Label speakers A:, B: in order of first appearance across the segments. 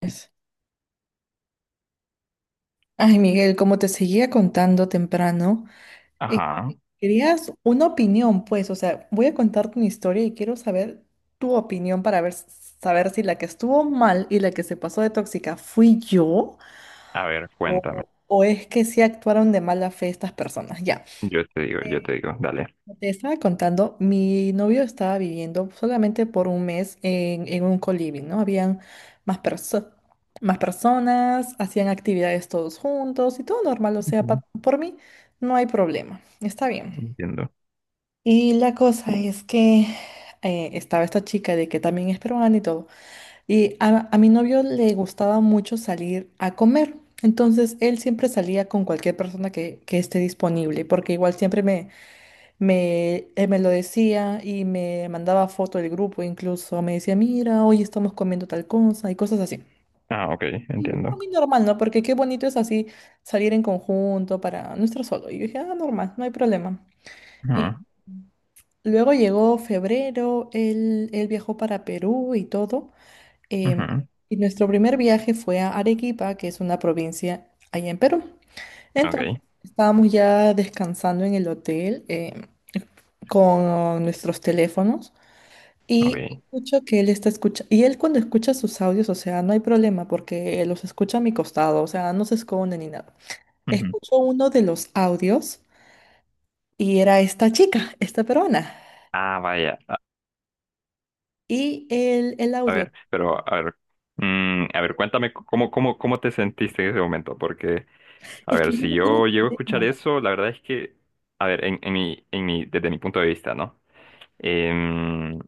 A: Pues, ay, Miguel, como te seguía contando temprano, eh,
B: Ajá.
A: querías una opinión, pues, o sea, voy a contarte una historia y quiero saber tu opinión para ver, saber si la que estuvo mal y la que se pasó de tóxica fui yo
B: A ver, cuéntame.
A: o es que sí actuaron de mala fe estas personas. Ya.
B: Yo te digo, dale.
A: Te estaba contando, mi novio estaba viviendo solamente por un mes en un coliving, ¿no? Habían más, perso- más personas, hacían actividades todos juntos y todo normal, o sea,
B: Ujú.
A: por mí no hay problema, está bien.
B: Entiendo.
A: Y la cosa es que estaba esta chica de que también es peruana y todo, y a mi novio le gustaba mucho salir a comer, entonces él siempre salía con cualquier persona que esté disponible, porque igual siempre él me lo decía y me mandaba foto del grupo, incluso me decía, mira, hoy estamos comiendo tal cosa y cosas así.
B: Ah, ok,
A: Y yo,
B: entiendo.
A: muy normal, ¿no? Porque qué bonito es así salir en conjunto para no estar solo. Y yo dije, ah, normal, no hay problema. Y
B: Ajá,
A: luego llegó febrero, él viajó para Perú y todo.
B: ajá,
A: Y nuestro primer viaje fue a Arequipa, que es una provincia allá en Perú. Entonces,
B: Ok,
A: estábamos ya descansando en el hotel, con nuestros teléfonos. Y
B: ok.
A: escucho que él está escuchando, y él cuando escucha sus audios, o sea, no hay problema porque los escucha a mi costado, o sea, no se esconde ni nada.
B: Ujú.
A: Escucho uno de los audios y era esta chica, esta peruana.
B: Ah, vaya.
A: Y el
B: A
A: audio,
B: ver, pero, a ver. Mm, a ver, cuéntame cómo, cómo te sentiste en ese momento. Porque, a
A: es
B: ver,
A: que yo
B: si
A: no tenía
B: yo llego a escuchar
A: problema,
B: eso, la verdad es que, a ver, en en mi, desde mi punto de vista, ¿no? Em,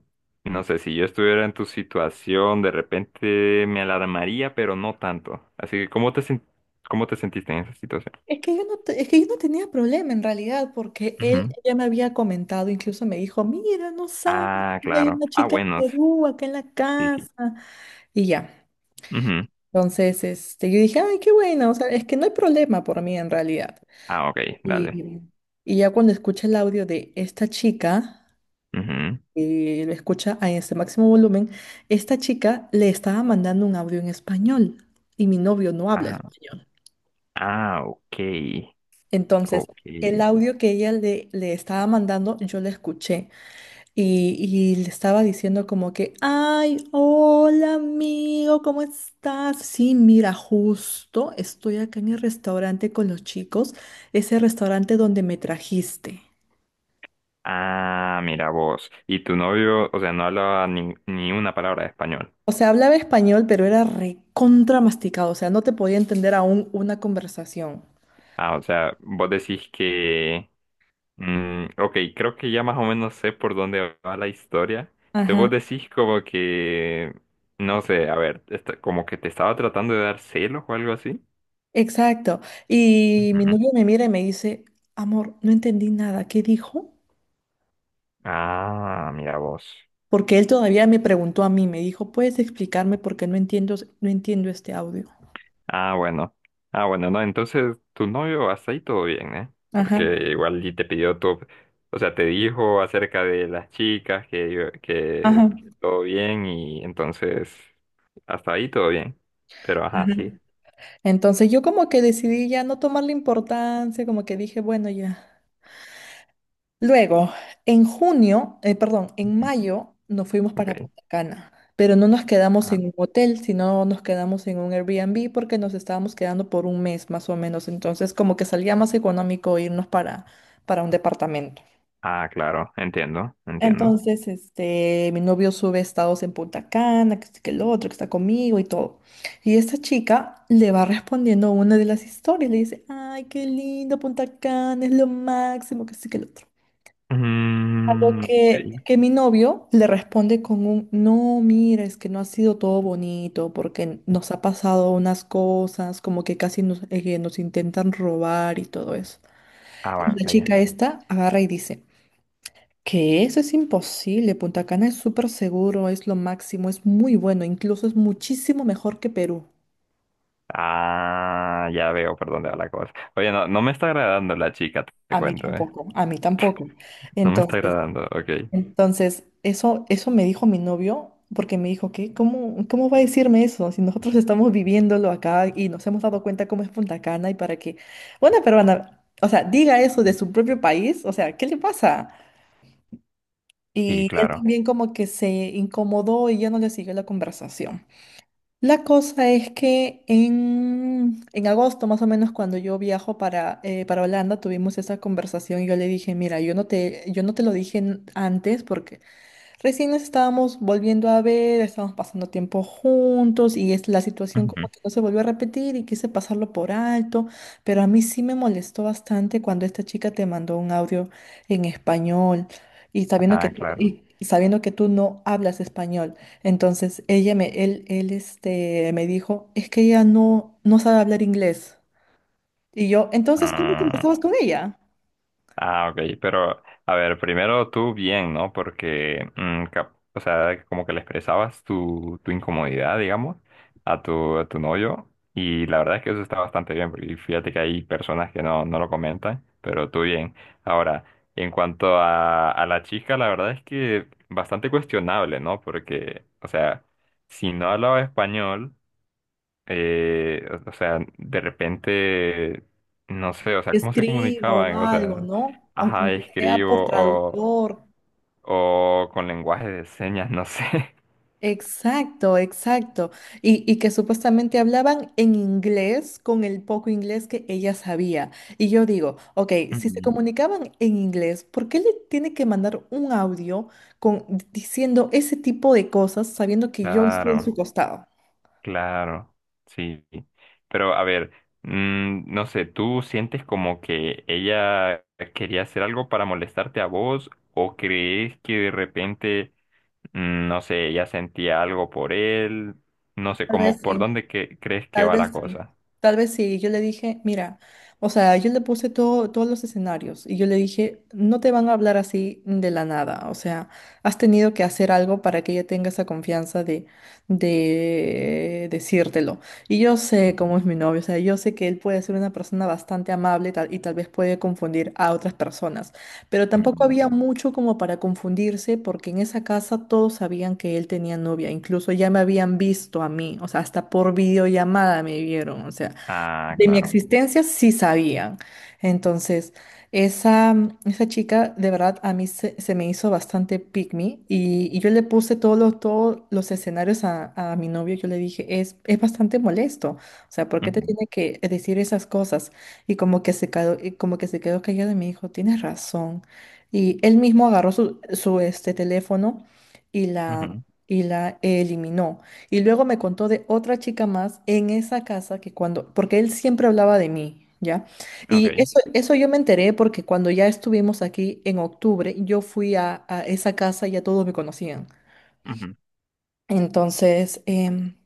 B: no sé, si yo estuviera en tu situación, de repente me alarmaría, pero no tanto. Así que, ¿cómo te, cómo te sentiste en esa situación?
A: es que yo no, es que yo no tenía problema en realidad, porque él
B: Ujú.
A: ya me había comentado, incluso me dijo, mira, no sabes,
B: Ah,
A: hay
B: claro.
A: una
B: Ah,
A: chica en
B: bueno, sí,
A: Perú, acá en la
B: sí.
A: casa,
B: Sí.
A: y ya.
B: Ujú.
A: Entonces, este, yo dije, ay, qué bueno, o sea, es que no hay problema por mí en realidad.
B: Ah, ok, dale.
A: Y, y ya cuando escucha el audio de esta chica,
B: Ujú.
A: lo escucha a ese máximo volumen, esta chica le estaba mandando un audio en español y mi novio no habla
B: Ah,
A: español.
B: ah, ok,
A: Entonces, el
B: ok.
A: audio que ella le estaba mandando, yo lo escuché y le estaba diciendo como que, ay, hola amigo, ¿cómo estás? Sí, mira, justo estoy acá en el restaurante con los chicos, ese restaurante donde me trajiste.
B: Ah, mira vos. Y tu novio, o sea, no hablaba ni una palabra de español.
A: O sea, hablaba español, pero era recontra masticado, o sea, no te podía entender aún una conversación.
B: Ah, o sea, vos decís que... Mm, ok, creo que ya más o menos sé por dónde va la historia. Te
A: Ajá.
B: vos decís como que, no sé, a ver, como que te estaba tratando de dar celos o algo así.
A: Exacto. Y mi
B: Ujú.
A: novio me mira y me dice, amor, no entendí nada, ¿qué dijo?
B: Ah, mira vos.
A: Porque él todavía me preguntó a mí, me dijo, ¿puedes explicarme porque no entiendo, no entiendo este audio?
B: Ah, bueno. Ah, bueno, no, entonces tu novio hasta ahí todo bien, ¿eh? Porque
A: Ajá,
B: igual y te pidió todo, o sea, te dijo acerca de las chicas
A: ajá,
B: que todo bien y entonces hasta ahí todo bien. Pero ajá,
A: ajá.
B: sí.
A: Entonces yo como que decidí ya no tomarle importancia, como que dije, bueno, ya. Luego, en junio, perdón, en
B: Ujú.
A: mayo nos fuimos para Punta Cana, pero no nos quedamos en
B: Ok.
A: un hotel, sino nos quedamos en un Airbnb porque nos estábamos quedando por un mes más o menos. Entonces, como que salía más económico irnos para un departamento.
B: Ah, claro, entiendo, entiendo.
A: Entonces, este, mi novio sube estados en Punta Cana, que, este, que el otro, que está conmigo y todo. Y esta chica le va respondiendo a una de las historias, le dice, ay, qué lindo Punta Cana, es lo máximo, que sí, que el otro. Lo
B: Mm, ok.
A: que mi novio le responde con un, no, mira, es que no ha sido todo bonito porque nos ha pasado unas cosas, como que casi nos, que nos intentan robar y todo eso.
B: Ah,
A: Y la
B: vaya.
A: chica esta agarra y dice, que eso es imposible, Punta Cana es súper seguro, es lo máximo, es muy bueno, incluso es muchísimo mejor que Perú.
B: Ah, ya veo por dónde va la cosa. Oye, no me está agradando la chica, te
A: A mí
B: cuento, ¿eh?
A: tampoco, a mí tampoco.
B: No me está
A: Entonces,
B: agradando, ok.
A: Entonces, eso, eso me dijo mi novio, porque me dijo que, ¿cómo, cómo va a decirme eso? Si nosotros estamos viviéndolo acá y nos hemos dado cuenta cómo es Punta Cana y para que una peruana, o sea, diga eso de su propio país, o sea, ¿qué le pasa?
B: Sí,
A: Y él
B: claro.
A: también como que se incomodó y ya no le siguió la conversación. La cosa es que en agosto, más o menos, cuando yo viajo para Holanda, tuvimos esa conversación y yo le dije, mira, yo no te lo dije antes porque recién nos estábamos volviendo a ver, estábamos pasando tiempo juntos y es la situación
B: Ujú.
A: como que no se volvió a repetir y quise pasarlo por alto, pero a mí sí me molestó bastante cuando esta chica te mandó un audio en español
B: Ah, claro.
A: y sabiendo que tú no hablas español. Entonces él este, me dijo, es que ella no, no sabe hablar inglés. Y yo, entonces, ¿cómo
B: Ah.
A: conversabas con ella?
B: Ah, ok, pero a ver, primero tú bien, ¿no? Porque, mm, o sea, como que le expresabas tu, tu incomodidad, digamos, a tu novio, y la verdad es que eso está bastante bien, porque fíjate que hay personas que no, no lo comentan, pero tú bien. Ahora, en cuanto a la chica, la verdad es que bastante cuestionable, ¿no? Porque, o sea, si no hablaba español o sea, de repente, no sé, o sea, ¿cómo se
A: Escribo
B: comunicaban? O
A: algo,
B: sea,
A: ¿no? Aunque
B: ajá,
A: aunque sea por
B: escribo
A: traductor.
B: o con lenguaje de señas, no sé.
A: Exacto, exacto. Y que supuestamente hablaban en inglés con el poco inglés que ella sabía. Y yo digo, ok, si se
B: Mm.
A: comunicaban en inglés, ¿por qué le tiene que mandar un audio con, diciendo ese tipo de cosas sabiendo que yo estoy en su
B: Claro,
A: costado?
B: claro, sí. Pero a ver, mm, no sé, ¿tú sientes como que ella quería hacer algo para molestarte a vos o crees que de repente, mm, no sé, ella sentía algo por él? No sé,
A: Tal vez
B: como por
A: sí.
B: dónde crees que
A: Tal
B: va la
A: vez sí,
B: cosa.
A: tal vez sí. Yo le dije, mira, o sea, yo le puse todo, todos los escenarios y yo le dije, no te van a hablar así de la nada, o sea, has tenido que hacer algo para que ella tenga esa confianza de decírtelo. Y yo sé cómo es mi novio, o sea, yo sé que él puede ser una persona bastante amable y tal vez puede confundir a otras personas. Pero tampoco
B: Mm,
A: había
B: ok.
A: mucho como para confundirse porque en esa casa todos sabían que él tenía novia, incluso ya me habían visto a mí, o sea, hasta por videollamada me vieron, o sea
B: Ah,
A: de mi
B: claro.
A: existencia sí sabían. Entonces, esa, esa chica de verdad a mí se me hizo bastante pick me y yo le puse todos los escenarios a mi novio. Yo le dije, es bastante molesto. O sea, ¿por qué te
B: Ujú,
A: tiene que decir esas cosas? Y como que se quedó callado y me dijo, tienes razón. Y él mismo agarró su este, teléfono y la,
B: ujú,
A: y la eliminó. Y luego me contó de otra chica más en esa casa que cuando, porque él siempre hablaba de mí, ¿ya? Y
B: ok.
A: eso yo me enteré porque cuando ya estuvimos aquí en octubre, yo fui a esa casa y ya todos me conocían.
B: Ujú.
A: Entonces,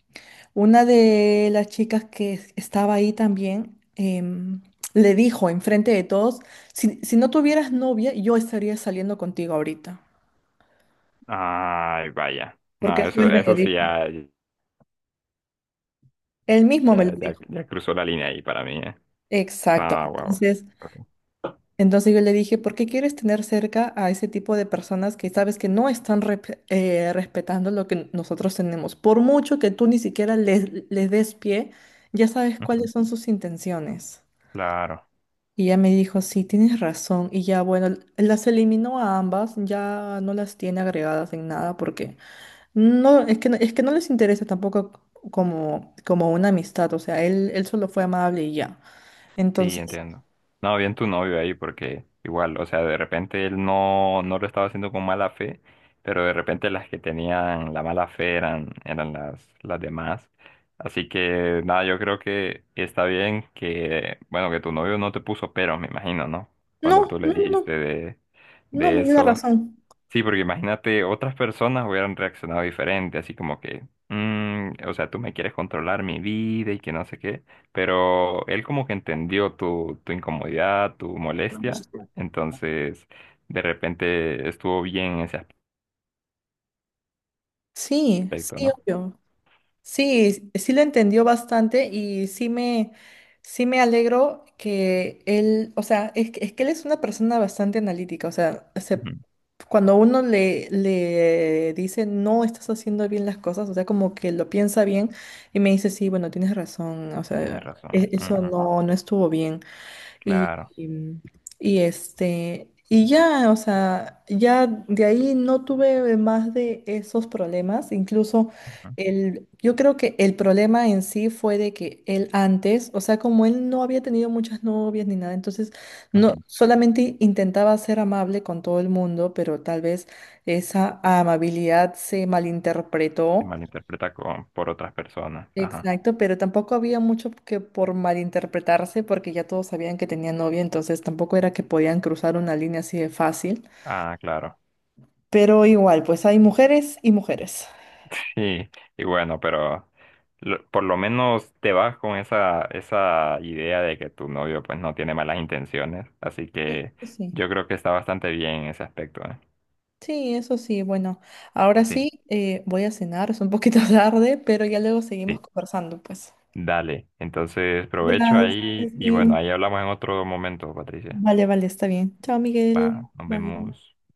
A: una de las chicas que estaba ahí también, le dijo enfrente de todos, si no tuvieras novia, yo estaría saliendo contigo ahorita.
B: Ay, vaya.
A: Porque
B: No,
A: eso
B: eso,
A: él me lo
B: eso sí
A: dijo.
B: ya,
A: Él mismo me lo
B: ya, ya-
A: dijo.
B: ya cruzó la línea ahí para mí, ¿eh?
A: Exacto.
B: Ah, wow.
A: Entonces, yo le dije, ¿por qué quieres tener cerca a ese tipo de personas que sabes que no están respetando lo que nosotros tenemos? Por mucho que tú ni siquiera les des pie, ya sabes cuáles son sus intenciones.
B: Claro.
A: Y ella me dijo, sí, tienes razón. Y ya, bueno, las eliminó a ambas, ya no las tiene agregadas en nada porque no, es que, es que no les interesa tampoco como, como una amistad. O sea, él solo fue amable y ya.
B: Sí,
A: Entonces,
B: entiendo. No, bien tu novio ahí, porque igual, o sea, de repente él no, no lo estaba haciendo con mala fe, pero de repente las que tenían la mala fe eran las demás. Así que nada, yo creo que está bien que, bueno, que tu novio no te puso peros, me imagino, ¿no? Cuando
A: no,
B: tú le
A: no, no, no,
B: dijiste
A: no
B: de
A: me dio la
B: eso.
A: razón.
B: Sí, porque imagínate, otras personas hubieran reaccionado diferente, así como que, "Mm, o sea, tú me quieres controlar mi vida y que no sé qué", pero él como que entendió tu, tu incomodidad, tu molestia, entonces de repente estuvo bien en ese
A: Sí,
B: aspecto,
A: sí,
B: ¿no?
A: obvio. Sí, sí lo entendió bastante y sí sí me alegro que él, o sea, es que él es una persona bastante analítica, o sea,
B: Ujú.
A: cuando uno le dice no estás haciendo bien las cosas, o sea, como que lo piensa bien y me dice, sí, bueno, tienes razón, o
B: Tienes
A: sea,
B: razón,
A: eso
B: ujú,
A: no, no estuvo bien. Y,
B: claro.
A: y, y ya, o sea, ya de ahí no tuve más de esos problemas. Incluso
B: Ujú.
A: el, yo creo que el problema en sí fue de que él antes, o sea, como él no había tenido muchas novias ni nada, entonces no,
B: Ujú.
A: solamente intentaba ser amable con todo el mundo, pero tal vez esa amabilidad se
B: Se
A: malinterpretó.
B: malinterpreta con, por otras personas, ajá,
A: Exacto, pero tampoco había mucho que por malinterpretarse porque ya todos sabían que tenía novia, entonces tampoco era que podían cruzar una línea así de fácil.
B: ah, claro.
A: Pero igual, pues hay mujeres y mujeres.
B: Sí, y bueno, pero por lo menos te vas con esa, esa idea de que tu novio pues no tiene malas intenciones, así
A: Eso
B: que
A: sí,
B: yo creo que está bastante bien en ese aspecto, ¿eh?
A: sí, eso sí. Bueno, ahora
B: Sí,
A: sí, voy a cenar, es un poquito tarde, pero ya luego seguimos
B: sí.
A: conversando, pues.
B: Dale, entonces provecho
A: Gracias.
B: ahí y bueno,
A: Sí.
B: ahí hablamos en otro momento, Patricia.
A: Vale, vale, está bien. Chao,
B: Va,
A: Miguel.
B: nos
A: Bye.
B: vemos.